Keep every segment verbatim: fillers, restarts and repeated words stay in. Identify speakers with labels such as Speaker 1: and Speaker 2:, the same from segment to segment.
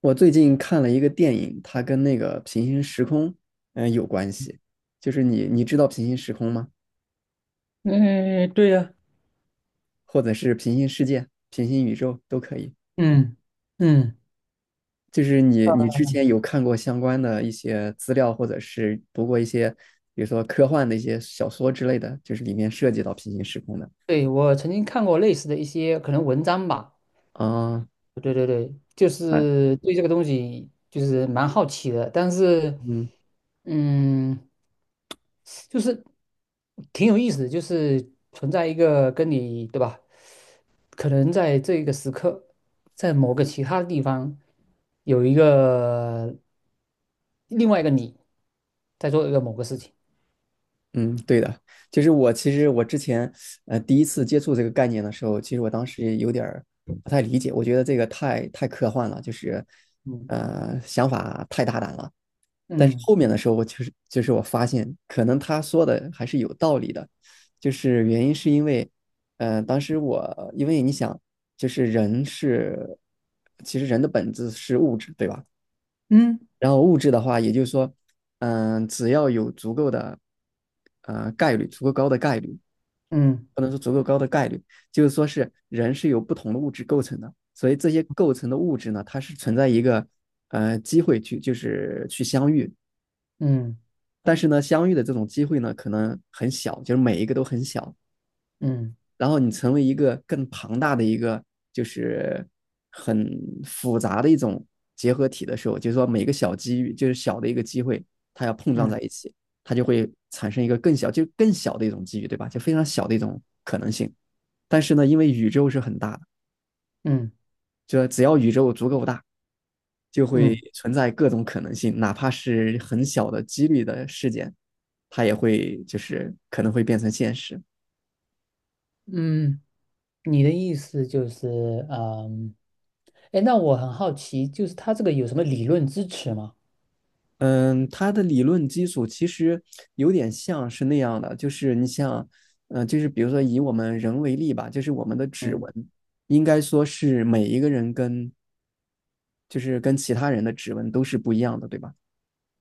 Speaker 1: 我最近看了一个电影，它跟那个平行时空，嗯、有关系。就是你，你知道平行时空吗？
Speaker 2: 嗯，对呀，
Speaker 1: 或者是平行世界、平行宇宙都可以。
Speaker 2: 嗯嗯，
Speaker 1: 就是你，你之前有看过相关的一些资料，或者是读过一些，比如说科幻的一些小说之类的，就是里面涉及到平行时空的
Speaker 2: 对，我曾经看过类似的一些可能文章吧，
Speaker 1: 啊。
Speaker 2: 对对对，就
Speaker 1: 那
Speaker 2: 是对这个东西就是蛮好奇的，但是
Speaker 1: 嗯，
Speaker 2: 嗯，就是挺有意思的，就是存在一个跟你对吧，可能在这个时刻，在某个其他地方有一个另外一个你在做一个某个事情，
Speaker 1: 嗯，对的。就是我其实我之前呃第一次接触这个概念的时候，其实我当时也有点儿不太理解，我觉得这个太太科幻了，就是
Speaker 2: 嗯
Speaker 1: 呃想法太大胆了。但是
Speaker 2: 嗯
Speaker 1: 后面的时候，我就是就是我发现，可能他说的还是有道理的，就是原因是因为，呃，当时我因为你想，就是人是其实人的本质是物质，对吧？
Speaker 2: 嗯
Speaker 1: 然后物质的话，也就是说，嗯、只要有足够的呃概率，足够高的概率，
Speaker 2: 嗯
Speaker 1: 不能说足够高的概率，就是说是人是由不同的物质构成的，所以这些构成的物质呢，它是存在一个呃机会去就是去相遇，
Speaker 2: 嗯
Speaker 1: 但是呢，相遇的这种机会呢，可能很小，就是每一个都很小，
Speaker 2: 嗯
Speaker 1: 然后你成为一个更庞大的一个，就是很复杂的一种结合体的时候，就是说每个小机遇，就是小的一个机会，它要碰撞
Speaker 2: 嗯
Speaker 1: 在一起，它就会产生一个更小，就更小的一种机遇，对吧？就非常小的一种可能性。但是呢，因为宇宙是很大的，
Speaker 2: 嗯嗯
Speaker 1: 就只要宇宙足够大，就会
Speaker 2: 嗯。
Speaker 1: 存在各种可能性，哪怕是很小的几率的事件，它也会就是可能会变成现实。
Speaker 2: 嗯，你的意思就是，嗯，哎，那我很好奇，就是他这个有什么理论支持吗？
Speaker 1: 嗯，它的理论基础其实有点像是那样的，就是你像，嗯，就是比如说以我们人为例吧，就是我们的指
Speaker 2: 嗯，
Speaker 1: 纹，应该说是每一个人跟就是跟其他人的指纹都是不一样的，对吧？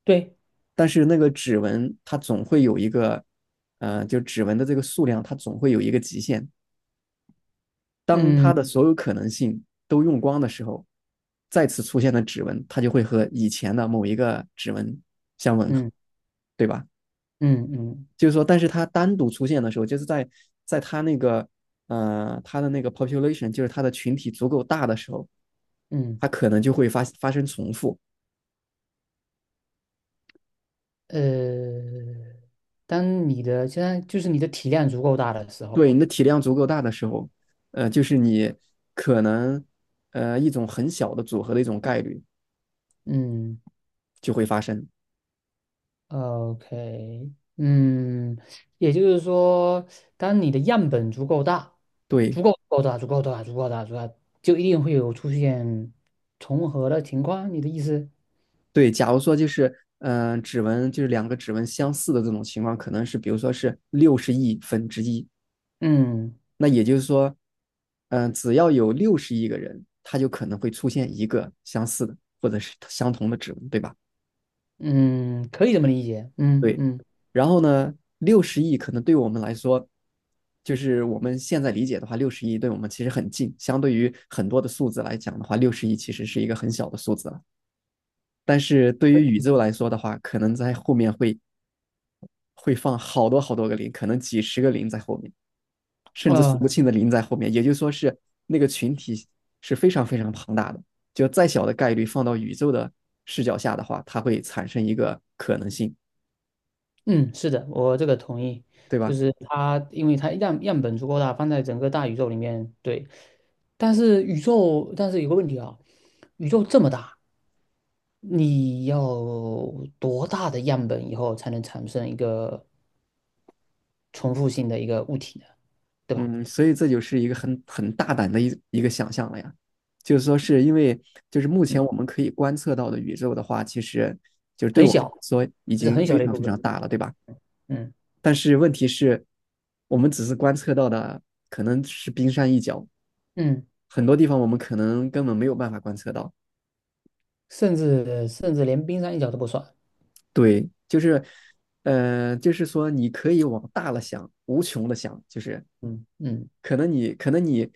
Speaker 2: 对，
Speaker 1: 但是那个指纹它总会有一个，呃，就指纹的这个数量它总会有一个极限。当它
Speaker 2: 嗯
Speaker 1: 的所有可能性都用光的时候，再次出现的指纹它就会和以前的某一个指纹相吻合，
Speaker 2: 嗯
Speaker 1: 对吧？
Speaker 2: 嗯嗯
Speaker 1: 就是说，但是它单独出现的时候，就是在在它那个呃它的那个 population,就是它的群体足够大的时候，
Speaker 2: 嗯，
Speaker 1: 它可能就会发发生重复。
Speaker 2: 呃，当你的现在就是你的体量足够大的时候，
Speaker 1: 对，你的体量足够大的时候，呃，就是你可能呃一种很小的组合的一种概率
Speaker 2: 嗯
Speaker 1: 就会发生。
Speaker 2: ，O K,嗯，也就是说，当你的样本足够大，
Speaker 1: 对
Speaker 2: 足够够大，足够大，足够大，足够大，就一定会有出现重合的情况。你的意思？
Speaker 1: 对，假如说就是嗯、呃指纹就是两个指纹相似的这种情况，可能是比如说是六十亿分之一。
Speaker 2: 嗯。
Speaker 1: 那也就是说，嗯、呃只要有六十亿个人，他就可能会出现一个相似的或者是相同的指纹，对吧？
Speaker 2: 嗯，可以这么理解。嗯
Speaker 1: 对。
Speaker 2: 嗯
Speaker 1: 然后呢，六十亿可能对我们来说，就是我们现在理解的话，六十亿对我们其实很近，相对于很多的数字来讲的话，六十亿其实是一个很小的数字了。但是对于宇宙来说的话，可能在后面会会放好多好多个零，可能几十个零在后面。甚至数
Speaker 2: 呃
Speaker 1: 不清的零在后面，也就是说是那个群体是非常非常庞大的。就再小的概率放到宇宙的视角下的话，它会产生一个可能性，
Speaker 2: 嗯，是的，我这个同意。
Speaker 1: 对
Speaker 2: 就
Speaker 1: 吧？
Speaker 2: 是它，因为它样样本足够大，放在整个大宇宙里面，对。但是宇宙，但是有个问题啊，宇宙这么大，你要多大的样本以后才能产生一个重复性的一个物体呢？对吧？
Speaker 1: 嗯，所以这就是一个很很大胆的一一个想象了呀。就是说，是因为就是目
Speaker 2: 嗯，
Speaker 1: 前我们可以观测到的宇宙的话，其实就是对
Speaker 2: 很
Speaker 1: 我们
Speaker 2: 小，
Speaker 1: 来说已
Speaker 2: 是
Speaker 1: 经
Speaker 2: 很小
Speaker 1: 非
Speaker 2: 的一
Speaker 1: 常非
Speaker 2: 部分。
Speaker 1: 常大了，对吧？
Speaker 2: 嗯
Speaker 1: 但是问题是，我们只是观测到的可能是冰山一角，
Speaker 2: 嗯，
Speaker 1: 很多地方我们可能根本没有办法观测到。
Speaker 2: 甚至甚至连冰山一角都不算。
Speaker 1: 对，就是，呃，就是说你可以往大了想，无穷的想，就是
Speaker 2: 嗯嗯。
Speaker 1: 可能你可能你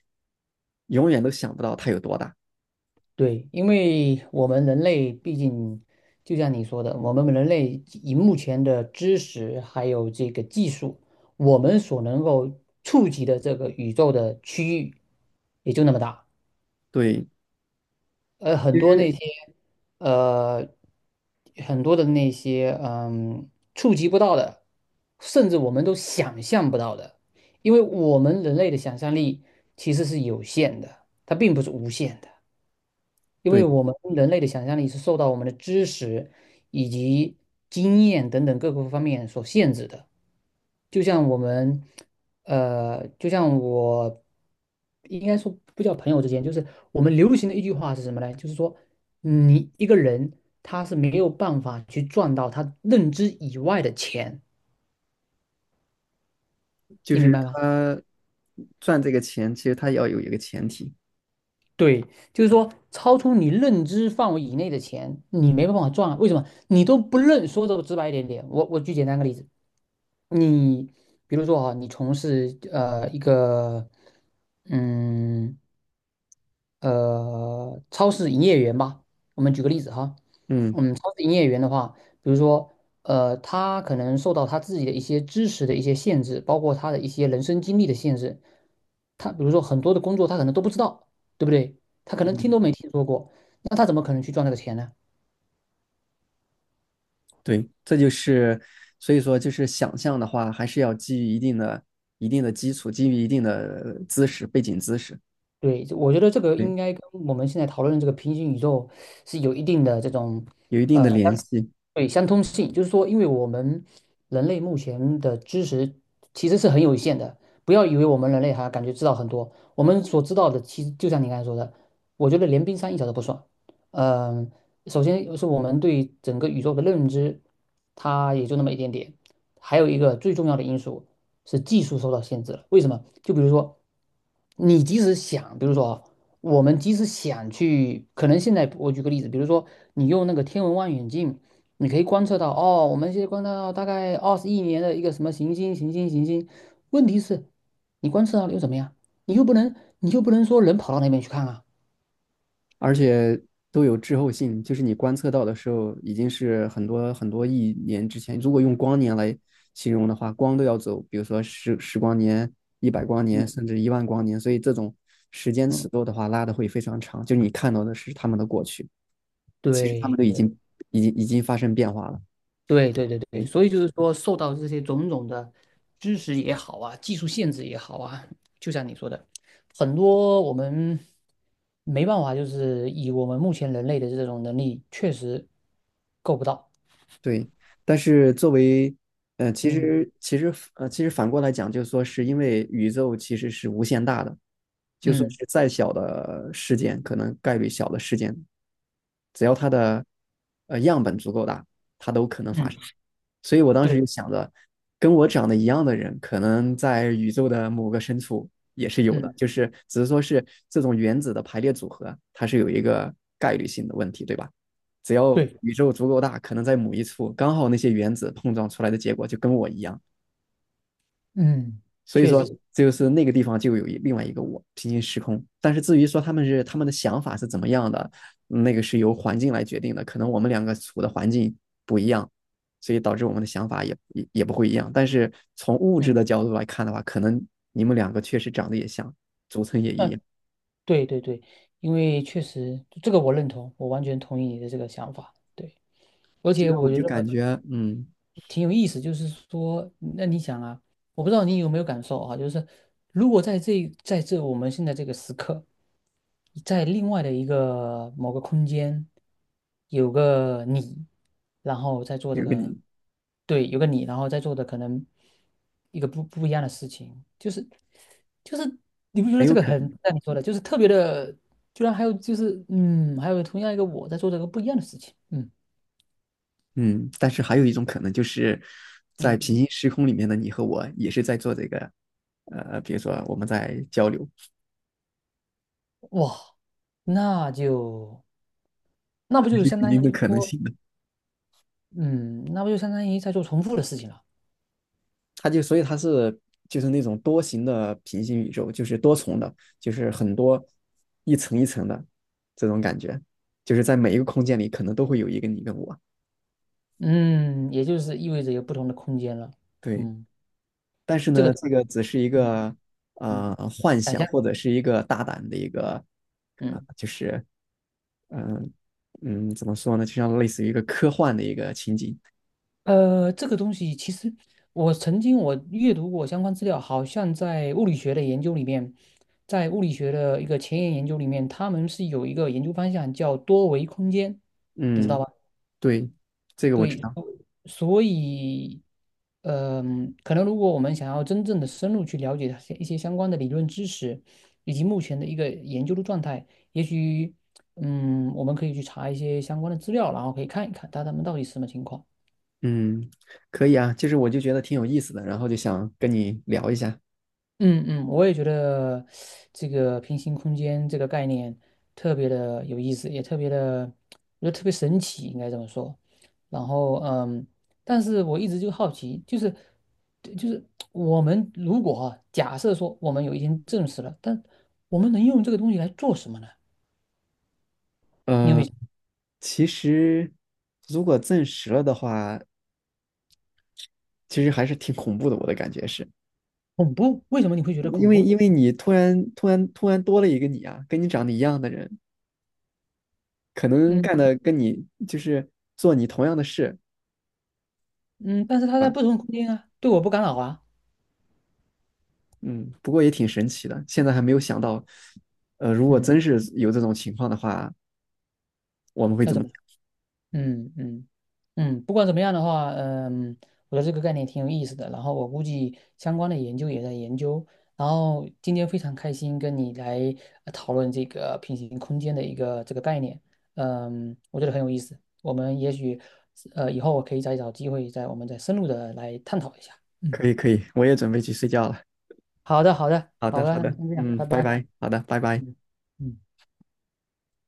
Speaker 1: 永远都想不到它有多大。
Speaker 2: 对，因为我们人类毕竟，就像你说的，我们人类以目前的知识还有这个技术，我们所能够触及的这个宇宙的区域也就那么大。
Speaker 1: 对
Speaker 2: 呃，很多那些呃，很多的那些嗯，触及不到的，甚至我们都想象不到的，因为我们人类的想象力其实是有限的，它并不是无限的。因为
Speaker 1: 对，
Speaker 2: 我们人类的想象力是受到我们的知识以及经验等等各个方面所限制的。就像我们，呃，就像我，应该说不叫朋友之间，就是我们流行的一句话是什么呢？就是说，你一个人他是没有办法去赚到他认知以外的钱，
Speaker 1: 就
Speaker 2: 你明
Speaker 1: 是
Speaker 2: 白吗？
Speaker 1: 他赚这个钱，其实他要有一个前提。
Speaker 2: 对，就是说超出你认知范围以内的钱，你没办法赚啊。为什么？你都不认，说的直白一点点。我我举简单个例子，你比如说啊，你从事呃一个嗯呃超市营业员吧。我们举个例子哈，
Speaker 1: 嗯
Speaker 2: 嗯，超市营业员的话，比如说呃，他可能受到他自己的一些知识的一些限制，包括他的一些人生经历的限制。他比如说很多的工作他可能都不知道，对不对？他可能听
Speaker 1: 嗯，
Speaker 2: 都没听说过，那他怎么可能去赚那个钱呢？
Speaker 1: 对，这就是所以说就是想象的话，还是要基于一定的一定的基础，基于一定的知识背景知识，
Speaker 2: 对，我觉得这个
Speaker 1: 对，
Speaker 2: 应该跟我们现在讨论的这个平行宇宙是有一定的这种。
Speaker 1: 有一定的
Speaker 2: 呃，
Speaker 1: 联系。
Speaker 2: 对，相通性就是说，因为我们人类目前的知识其实是很有限的。不要以为我们人类还感觉知道很多，我们所知道的其实就像你刚才说的，我觉得连冰山一角都不算。嗯、首先是我们对整个宇宙的认知，它也就那么一点点。还有一个最重要的因素是技术受到限制了。为什么？就比如说，你即使想，比如说啊，我们即使想去，可能现在我举个例子，比如说你用那个天文望远镜。你可以观测到，哦，我们现在观测到大概二十亿年的一个什么行星，行星，行星。问题是，你观测到了又怎么样？你又不能，你又不能说人跑到那边去看啊。
Speaker 1: 而且都有滞后性，就是你观测到的时候，已经是很多很多亿年之前。如果用光年来形容的话，光都要走，比如说十十光年、一百光年，
Speaker 2: 嗯，
Speaker 1: 甚至一万光年。所以这种时间尺
Speaker 2: 嗯，
Speaker 1: 度的话，拉的会非常长。就是你看到的是他们的过去，其实他们
Speaker 2: 对，
Speaker 1: 都已经已经已经发生变化了。
Speaker 2: 对，对，对，对。
Speaker 1: 对
Speaker 2: 所以就是说，受到这些种种的知识也好啊，技术限制也好啊，就像你说的，很多我们没办法，就是以我们目前人类的这种能力，确实够不到。
Speaker 1: 对，但是作为，呃，其
Speaker 2: 嗯
Speaker 1: 实其实呃，其实反过来讲，就是说是因为宇宙其实是无限大的，就说
Speaker 2: 嗯
Speaker 1: 是再小的事件，可能概率小的事件，只要它的呃样本足够大，
Speaker 2: 嗯，
Speaker 1: 所以我当时
Speaker 2: 对，
Speaker 1: 就想着，跟我长得一样的人，可能在宇宙的某个深处也是有的，
Speaker 2: 嗯。
Speaker 1: 就是只是说是这种原子的排列组合，它是有一个概率性的问题，对吧？只要
Speaker 2: 对。
Speaker 1: 宇宙足够大，可能在某一处刚好那些原子碰撞出来的结果就跟我一样，
Speaker 2: 嗯，
Speaker 1: 所以
Speaker 2: 确实
Speaker 1: 说，
Speaker 2: 是，
Speaker 1: 就是那个地方就有一另外一个我，平行时空。但是至于说他们是他们的想法是怎么样的，那个是由环境来决定的。可能我们两个处的环境不一样，所以导致我们的想法也也也不会一样。但是从物质
Speaker 2: 嗯，
Speaker 1: 的角度来看的话，可能你们两个确实长得也像，组成也一
Speaker 2: 呃，
Speaker 1: 样。
Speaker 2: 对对对，因为确实这个我认同，我完全同意你的这个想法，对，而
Speaker 1: 这
Speaker 2: 且
Speaker 1: 个
Speaker 2: 我
Speaker 1: 我
Speaker 2: 觉
Speaker 1: 就
Speaker 2: 得。
Speaker 1: 感觉，嗯，
Speaker 2: 挺有意思，就是说，那你想啊，我不知道你有没有感受啊，就是如果在这在这我们现在这个时刻，在另外的一个某个空间，有个你，然后在做这
Speaker 1: 有个
Speaker 2: 个，
Speaker 1: 你
Speaker 2: 对，有个你，然后在做的可能一个不不一样的事情，就是就是你不觉得
Speaker 1: 很
Speaker 2: 这
Speaker 1: 有
Speaker 2: 个
Speaker 1: 可
Speaker 2: 很
Speaker 1: 能，
Speaker 2: 像你说的，就是特别的，居然还有就是嗯，还有同样一个我在做这个不一样的事情，嗯
Speaker 1: 嗯。但是还有一种可能就是在
Speaker 2: 嗯，
Speaker 1: 平行时空里面的你和我也是在做这个，呃，比如说我们在交流。
Speaker 2: 哇，那就。那不就相
Speaker 1: 肯
Speaker 2: 当于
Speaker 1: 定的可能
Speaker 2: 说，
Speaker 1: 性的。
Speaker 2: 嗯，那不就相当于在做重复的事情了，
Speaker 1: 它就所以它是就是那种多形的平行宇宙，就是多重的，就是很多一层一层的这种感觉，就是在每一个空间里可能都会有一个你跟我。
Speaker 2: 嗯，也就是意味着有不同的空间了，
Speaker 1: 对，
Speaker 2: 嗯，
Speaker 1: 但是
Speaker 2: 这个，
Speaker 1: 呢，这个只是一
Speaker 2: 嗯
Speaker 1: 个
Speaker 2: 嗯，
Speaker 1: 呃幻
Speaker 2: 一
Speaker 1: 想
Speaker 2: 下，
Speaker 1: 或者是一个大胆的一个呃，
Speaker 2: 嗯，
Speaker 1: 就是嗯、呃嗯怎么说呢，就像类似于一个科幻的一个情景。
Speaker 2: 呃，这个东西其实我曾经我阅读过相关资料，好像在物理学的研究里面，在物理学的一个前沿研究里面，他们是有一个研究方向叫多维空间，你知道
Speaker 1: 嗯，
Speaker 2: 吧？
Speaker 1: 对，这个我知
Speaker 2: 对，
Speaker 1: 道。
Speaker 2: 所以，嗯、可能如果我们想要真正的深入去了解它一些相关的理论知识，以及目前的一个研究的状态，也许，嗯，我们可以去查一些相关的资料，然后可以看一看它它们到底是什么情况。
Speaker 1: 嗯，可以啊，就是我就觉得挺有意思的，然后就想跟你聊一下。
Speaker 2: 嗯嗯，我也觉得这个平行空间这个概念特别的有意思，也特别的，我觉得特别神奇，应该这么说。然后嗯，但是我一直就好奇，就是就是我们如果啊，假设说我们有一天证实了，但我们能用这个东西来做什么呢？你有没
Speaker 1: 呃，
Speaker 2: 有
Speaker 1: 其实如果证实了的话，其实还是挺恐怖的，我的感觉是，
Speaker 2: 恐怖？为什么你会觉得
Speaker 1: 因
Speaker 2: 恐
Speaker 1: 为
Speaker 2: 怖？
Speaker 1: 因为你突然突然突然多了一个你啊，跟你长得一样的人，可能
Speaker 2: 嗯
Speaker 1: 干的跟你就是做你同样的事
Speaker 2: 嗯，但是它在
Speaker 1: 啊，
Speaker 2: 不同空间啊，对我不干扰啊。
Speaker 1: 嗯，不过也挺神奇的，现在还没有想到，呃，如果
Speaker 2: 嗯。
Speaker 1: 真是有这种情况的话，我们会
Speaker 2: 那
Speaker 1: 怎么？
Speaker 2: 怎么嗯嗯嗯，不管怎么样的话，嗯，我觉得这个概念挺有意思的。然后我估计相关的研究也在研究。然后今天非常开心跟你来呃讨论这个平行空间的一个这个概念，嗯，我觉得很有意思。我们也许呃以后我可以再找机会再我们再深入的来探讨一下。嗯，
Speaker 1: 可以可以，我也准备去睡觉了。
Speaker 2: 好的好的
Speaker 1: 好
Speaker 2: 好
Speaker 1: 的
Speaker 2: 的，
Speaker 1: 好
Speaker 2: 那就
Speaker 1: 的，
Speaker 2: 先这样，
Speaker 1: 嗯，
Speaker 2: 拜
Speaker 1: 拜
Speaker 2: 拜。
Speaker 1: 拜，好的，拜拜。
Speaker 2: 嗯嗯。